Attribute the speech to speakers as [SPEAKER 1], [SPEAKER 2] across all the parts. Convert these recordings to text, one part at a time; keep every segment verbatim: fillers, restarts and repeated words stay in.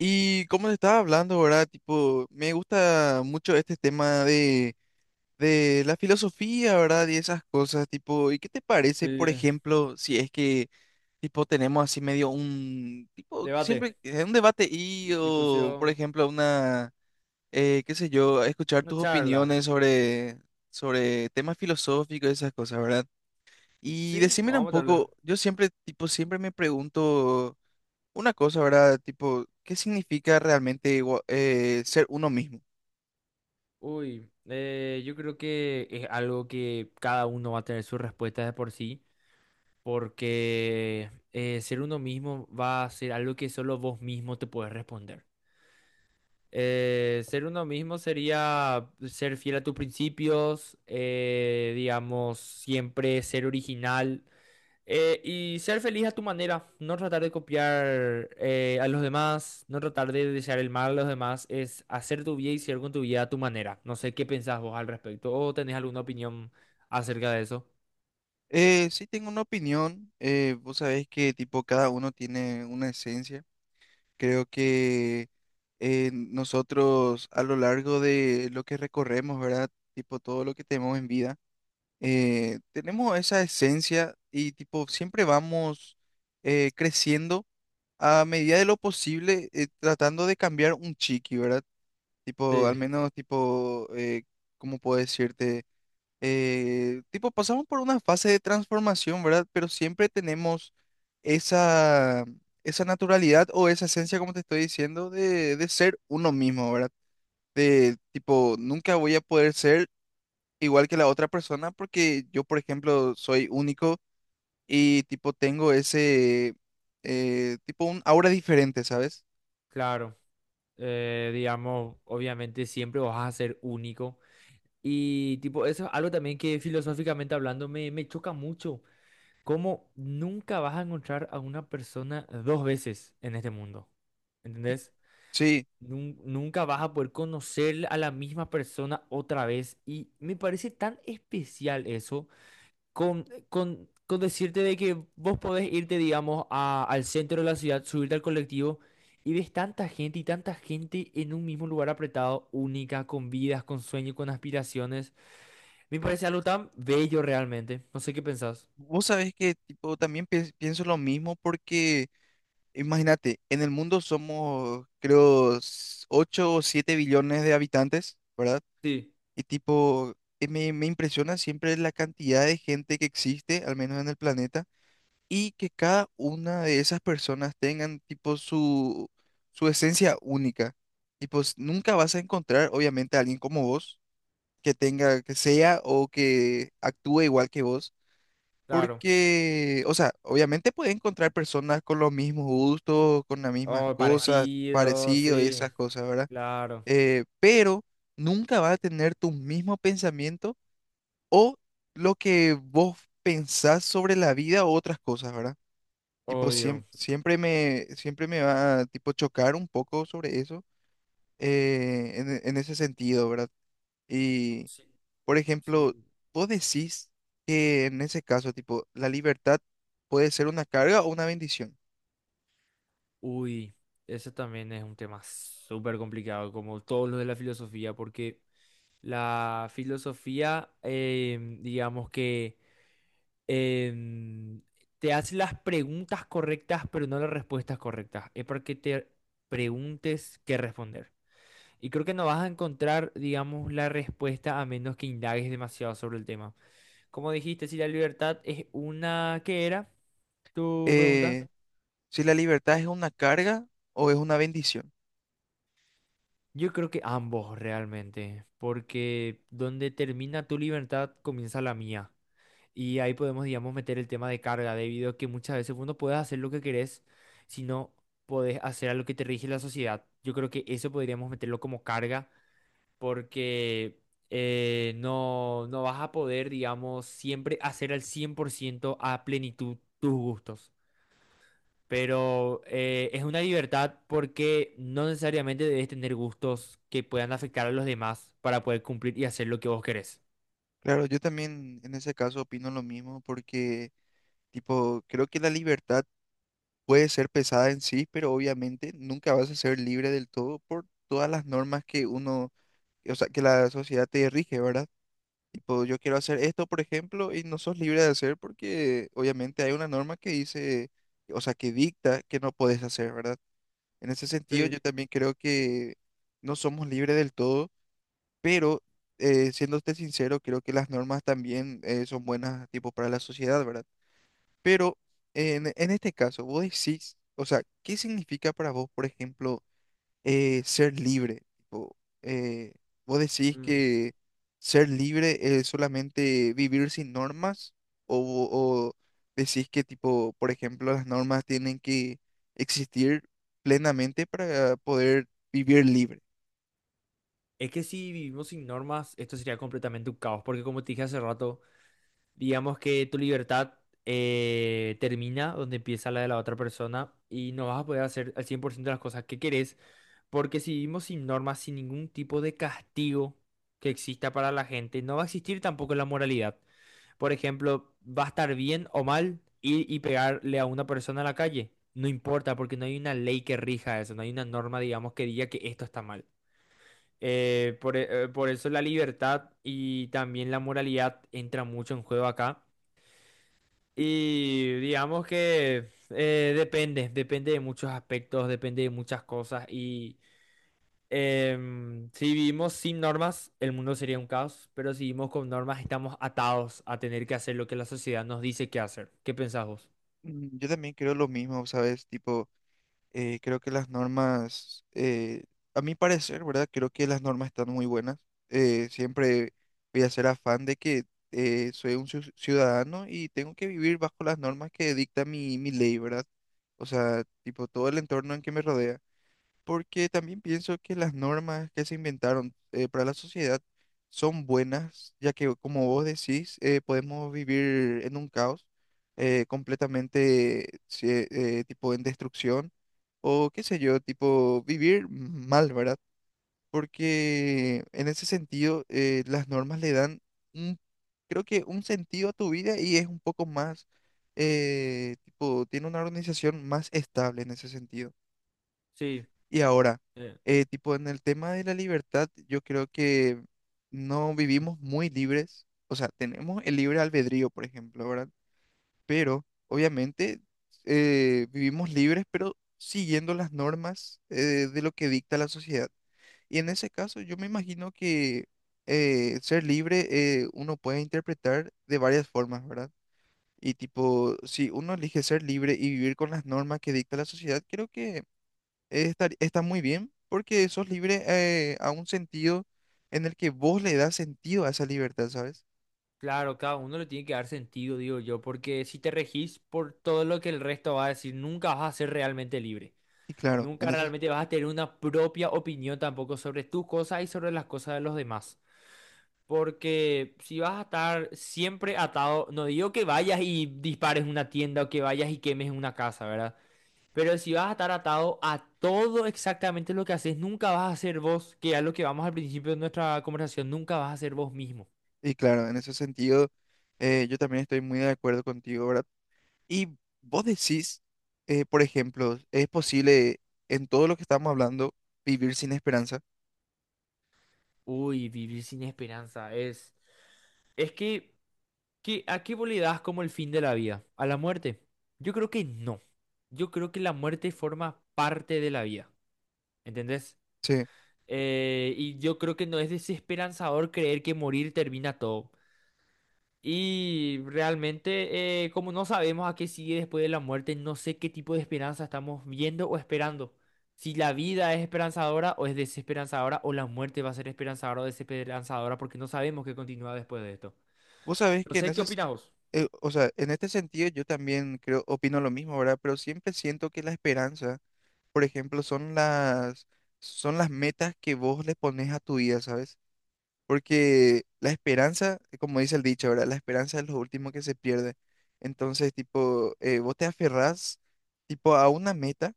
[SPEAKER 1] Y como te estaba hablando, ¿verdad? Tipo, me gusta mucho este tema de, de la filosofía, ¿verdad? Y esas cosas, tipo, ¿y qué te
[SPEAKER 2] Sí,
[SPEAKER 1] parece, por ejemplo, si es que, tipo, tenemos así medio un, tipo,
[SPEAKER 2] debate,
[SPEAKER 1] siempre eh, un debate y,
[SPEAKER 2] di-
[SPEAKER 1] o, por
[SPEAKER 2] discusión,
[SPEAKER 1] ejemplo, una, eh, qué sé yo, escuchar
[SPEAKER 2] una
[SPEAKER 1] tus
[SPEAKER 2] charla.
[SPEAKER 1] opiniones sobre, sobre temas filosóficos, y esas cosas, ¿verdad? Y
[SPEAKER 2] Sí,
[SPEAKER 1] decímela
[SPEAKER 2] vamos
[SPEAKER 1] un
[SPEAKER 2] a meterle.
[SPEAKER 1] poco, yo siempre, tipo, siempre me pregunto. Una cosa, ¿verdad? Tipo, ¿qué significa realmente igua- eh, ser uno mismo?
[SPEAKER 2] Uy, eh, yo creo que es algo que cada uno va a tener sus respuestas de por sí, porque eh, ser uno mismo va a ser algo que solo vos mismo te puedes responder. Eh, ser uno mismo sería ser fiel a tus principios, eh, digamos, siempre ser original. Eh, y ser feliz a tu manera, no tratar de copiar eh, a los demás, no tratar de desear el mal a los demás, es hacer tu vida y ser con tu vida a tu manera. No sé qué pensás vos al respecto o tenés alguna opinión acerca de eso.
[SPEAKER 1] Eh, sí tengo una opinión, eh, vos sabés que tipo cada uno tiene una esencia. Creo que eh, nosotros a lo largo de lo que recorremos, ¿verdad? Tipo todo lo que tenemos en vida, eh, tenemos esa esencia y tipo siempre vamos eh, creciendo a medida de lo posible eh, tratando de cambiar un chiqui, ¿verdad? Tipo, al
[SPEAKER 2] Sí,
[SPEAKER 1] menos, tipo, eh, ¿cómo puedo decirte? Eh, tipo, pasamos por una fase de transformación, ¿verdad? Pero siempre tenemos esa, esa naturalidad o esa esencia, como te estoy diciendo, de, de ser uno mismo, ¿verdad? De tipo, nunca voy a poder ser igual que la otra persona porque yo, por ejemplo, soy único y tipo, tengo ese, eh, tipo, un aura diferente, ¿sabes?
[SPEAKER 2] claro. Eh, digamos, obviamente siempre vas a ser único. Y tipo, eso es algo también que filosóficamente hablando me, me choca mucho. Cómo nunca vas a encontrar a una persona dos veces en este mundo. ¿Entendés?
[SPEAKER 1] Sí.
[SPEAKER 2] nun- Nunca vas a poder conocer a la misma persona otra vez. Y me parece tan especial eso con, con, con decirte de que vos podés irte, digamos, a- al centro de la ciudad, subirte al colectivo y ves tanta gente y tanta gente en un mismo lugar apretado, única, con vidas, con sueños, con aspiraciones. Me parece algo tan bello realmente. No sé qué pensás.
[SPEAKER 1] Vos sabés que tipo, también pi- pienso lo mismo porque, imagínate, en el mundo somos, creo, ocho o siete billones de habitantes, ¿verdad?
[SPEAKER 2] Sí,
[SPEAKER 1] Y tipo, eh, me, me impresiona siempre la cantidad de gente que existe, al menos en el planeta, y que cada una de esas personas tengan tipo su, su esencia única. Y pues nunca vas a encontrar, obviamente, a alguien como vos, que tenga, que sea o que actúe igual que vos
[SPEAKER 2] claro.
[SPEAKER 1] porque, o sea, obviamente puedes encontrar personas con los mismos gustos, con las mismas
[SPEAKER 2] Oh,
[SPEAKER 1] cosas,
[SPEAKER 2] parecido,
[SPEAKER 1] parecido, y sí,
[SPEAKER 2] sí,
[SPEAKER 1] esas cosas, ¿verdad?
[SPEAKER 2] claro,
[SPEAKER 1] Eh, pero nunca vas a tener tu mismo pensamiento o lo que vos pensás sobre la vida o otras cosas, ¿verdad? Tipo, o- siem-
[SPEAKER 2] obvio.
[SPEAKER 1] siempre me, siempre me va a, tipo, chocar un poco sobre eso, eh, en, e- en ese sentido, ¿verdad?
[SPEAKER 2] Sí,
[SPEAKER 1] Por ejemplo,
[SPEAKER 2] sí.
[SPEAKER 1] vos decís que en ese caso, tipo, la libertad puede ser una carga o una bendición.
[SPEAKER 2] Uy, ese también es un tema súper complicado, como todos los de la filosofía, porque la filosofía, em, digamos que em, te hace las preguntas correctas, pero no las respuestas correctas. Es para que te preguntes qué responder. Y creo que no vas a encontrar, digamos, la respuesta a menos que indagues demasiado sobre el tema. Como dijiste, si la libertad es una, ¿qué era tu pregunta?
[SPEAKER 1] Eh, si la libertad es una carga o es una bendición.
[SPEAKER 2] Yo creo que ambos realmente, porque donde termina tu libertad comienza la mía. Y ahí podemos, digamos, meter el tema de carga, debido a que muchas veces vos no puedes hacer lo que querés, sino podés hacer a lo que te rige la sociedad. Yo creo que eso podríamos meterlo como carga, porque eh, no, no vas a poder, digamos, siempre hacer al cien por ciento a plenitud tus gustos. Pero eh, es una libertad porque no necesariamente debes tener gustos que puedan afectar a los demás para poder cumplir y hacer lo que vos querés.
[SPEAKER 1] Claro, yo también en ese caso opino lo mismo porque, tipo, creo que la libertad puede ser pesada en sí, pero obviamente nunca vas a ser libre del todo por todas las normas que uno, o sea, que la sociedad te rige, ¿verdad? Tipo, yo quiero hacer esto, por ejemplo, y no sos libre de hacer porque obviamente hay una norma que dice, o sea, que dicta que no podés hacer, ¿verdad? En ese sentido, yo
[SPEAKER 2] Sí.
[SPEAKER 1] también creo que no somos libres del todo, pero eh, siéndote sincero, creo que las normas también eh, son buenas, tipo, para la sociedad, ¿verdad? Pero en, en este caso, vos decís, o sea, ¿qué significa para vos, por ejemplo? eh, ser libre. Tipo, eh, ¿vos decís
[SPEAKER 2] Mm.
[SPEAKER 1] que ser libre es solamente vivir sin normas? ¿O, o decís que, tipo, por ejemplo, las normas tienen que existir plenamente para poder vivir libre?
[SPEAKER 2] Es que si vivimos sin normas, esto sería completamente un caos, porque como te dije hace rato, digamos que tu libertad eh, termina donde empieza la de la otra persona y no vas a poder hacer al cien por ciento las cosas que querés, porque si vivimos sin normas, sin ningún tipo de castigo que exista para la gente, no va a existir tampoco la moralidad. Por ejemplo, va a estar bien o mal ir y pegarle a una persona en la calle. No importa, porque no hay una ley que rija eso, no hay una norma, digamos, que diga que esto está mal. Eh, por, e- eh, por eso la libertad y también la moralidad entra mucho en juego acá. Y digamos que eh, depende, depende de muchos aspectos, depende de muchas cosas. Y em, si vivimos sin normas, el mundo sería un caos, pero si vivimos con normas, estamos atados a tener que hacer lo que la sociedad nos dice que hacer. ¿Qué pensás vos?
[SPEAKER 1] Mm, yo también creo lo mismo, ¿sabes? Tipo, Eh, creo que las normas, eh, a mi parecer, ¿verdad? Creo que las normas están muy buenas. Eh, siempre voy a ser afán de que eh, soy un ciu- ciudadano y tengo que vivir bajo las normas que dicta mi, mi ley, ¿verdad? O sea, tipo todo el entorno en que me rodea porque también pienso que las normas que se inventaron eh, para la sociedad son buenas, ya que como vos decís, eh, podemos vivir en un caos eh, completamente sí, eh, tipo en destrucción o qué sé yo, tipo vivir mal, ¿verdad? Porque en ese sentido eh, las normas le dan un, creo que un sentido a tu vida y es un poco más, eh, tipo, tiene una organización más estable en ese sentido.
[SPEAKER 2] Sí,
[SPEAKER 1] Y ahora,
[SPEAKER 2] eh,
[SPEAKER 1] eh, tipo en el tema de la libertad, yo creo que no vivimos muy libres, o sea, tenemos el libre albedrío, por ejemplo, ¿verdad? Pero obviamente eh, vivimos libres, pero siguiendo las normas eh, de lo que dicta la sociedad. Y en ese caso, yo me imagino que eh, ser libre eh, uno puede interpretar de varias formas, ¿verdad? Y tipo, si uno elige ser libre y vivir con las normas que dicta la sociedad, creo que estar- está muy bien porque sos libre eh, a un sentido en el que vos le das sentido a esa libertad, ¿sabes?
[SPEAKER 2] claro, cada uno le tiene que dar sentido, digo yo, porque si te regís por todo lo que el resto va a decir, nunca vas a ser realmente libre.
[SPEAKER 1] Y claro, en
[SPEAKER 2] Nunca
[SPEAKER 1] ese,
[SPEAKER 2] realmente vas a tener una propia opinión tampoco sobre tus cosas y sobre las cosas de los demás. Porque si vas a estar siempre atado, no digo que vayas y dispares una tienda o que vayas y quemes una casa, ¿verdad? Pero si vas a estar atado a todo exactamente lo que haces, nunca vas a ser vos, que es lo que vamos al principio de nuestra conversación, nunca vas a ser vos mismo.
[SPEAKER 1] y claro, en ese sentido eh, yo también estoy muy de acuerdo contigo, ¿verdad? Y vos decís, eh, por ejemplo, ¿es posible en todo lo que estamos hablando vivir sin esperanza?
[SPEAKER 2] Uy, vivir sin esperanza es... Es que, que ¿a qué vos le das como el fin de la vida? ¿A la muerte? Yo creo que no. Yo creo que la muerte forma parte de la vida. ¿Entendés?
[SPEAKER 1] Sí.
[SPEAKER 2] Eh, y yo creo que no es desesperanzador creer que morir termina todo. Y realmente, eh, como no sabemos a qué sigue después de la muerte, no sé qué tipo de esperanza estamos viendo o esperando. Si la vida es esperanzadora o es desesperanzadora, o la muerte va a ser esperanzadora o desesperanzadora, porque no sabemos qué continúa después de esto.
[SPEAKER 1] Vos sabés
[SPEAKER 2] No
[SPEAKER 1] que en
[SPEAKER 2] sé, ¿qué
[SPEAKER 1] ese, s-
[SPEAKER 2] opinas vos?
[SPEAKER 1] eh, o sea, en este sentido yo también creo, opino lo mismo, ¿verdad? Pero siempre siento que la esperanza por ejemplo, son las, son las metas que vos le pones a tu vida, ¿sabes? Porque la esperanza, como dice el dicho, ¿verdad? La esperanza es lo último que se pierde. Entonces, tipo, eh, vos te aferrás, tipo, a una meta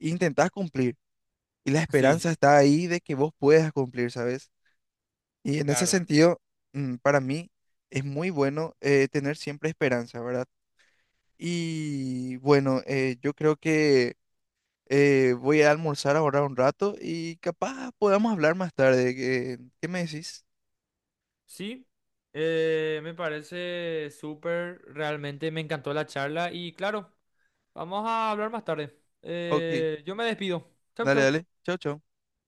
[SPEAKER 1] e intentás cumplir. Y la
[SPEAKER 2] Sí,
[SPEAKER 1] esperanza está ahí de que vos puedas cumplir, ¿sabes? Y en ese
[SPEAKER 2] claro,
[SPEAKER 1] sentido, mm, para mí, es muy bueno eh, tener siempre esperanza, ¿verdad? Y bueno, eh, yo creo que Eh, voy a almorzar ahora un rato y capaz podamos hablar más tarde. ¿Qué, qué me decís?
[SPEAKER 2] sí, eh, me parece súper, realmente me encantó la charla y claro, vamos a hablar más tarde.
[SPEAKER 1] Ok,
[SPEAKER 2] Eh, yo me despido. Chau,
[SPEAKER 1] dale,
[SPEAKER 2] chau.
[SPEAKER 1] dale. Chau, chau.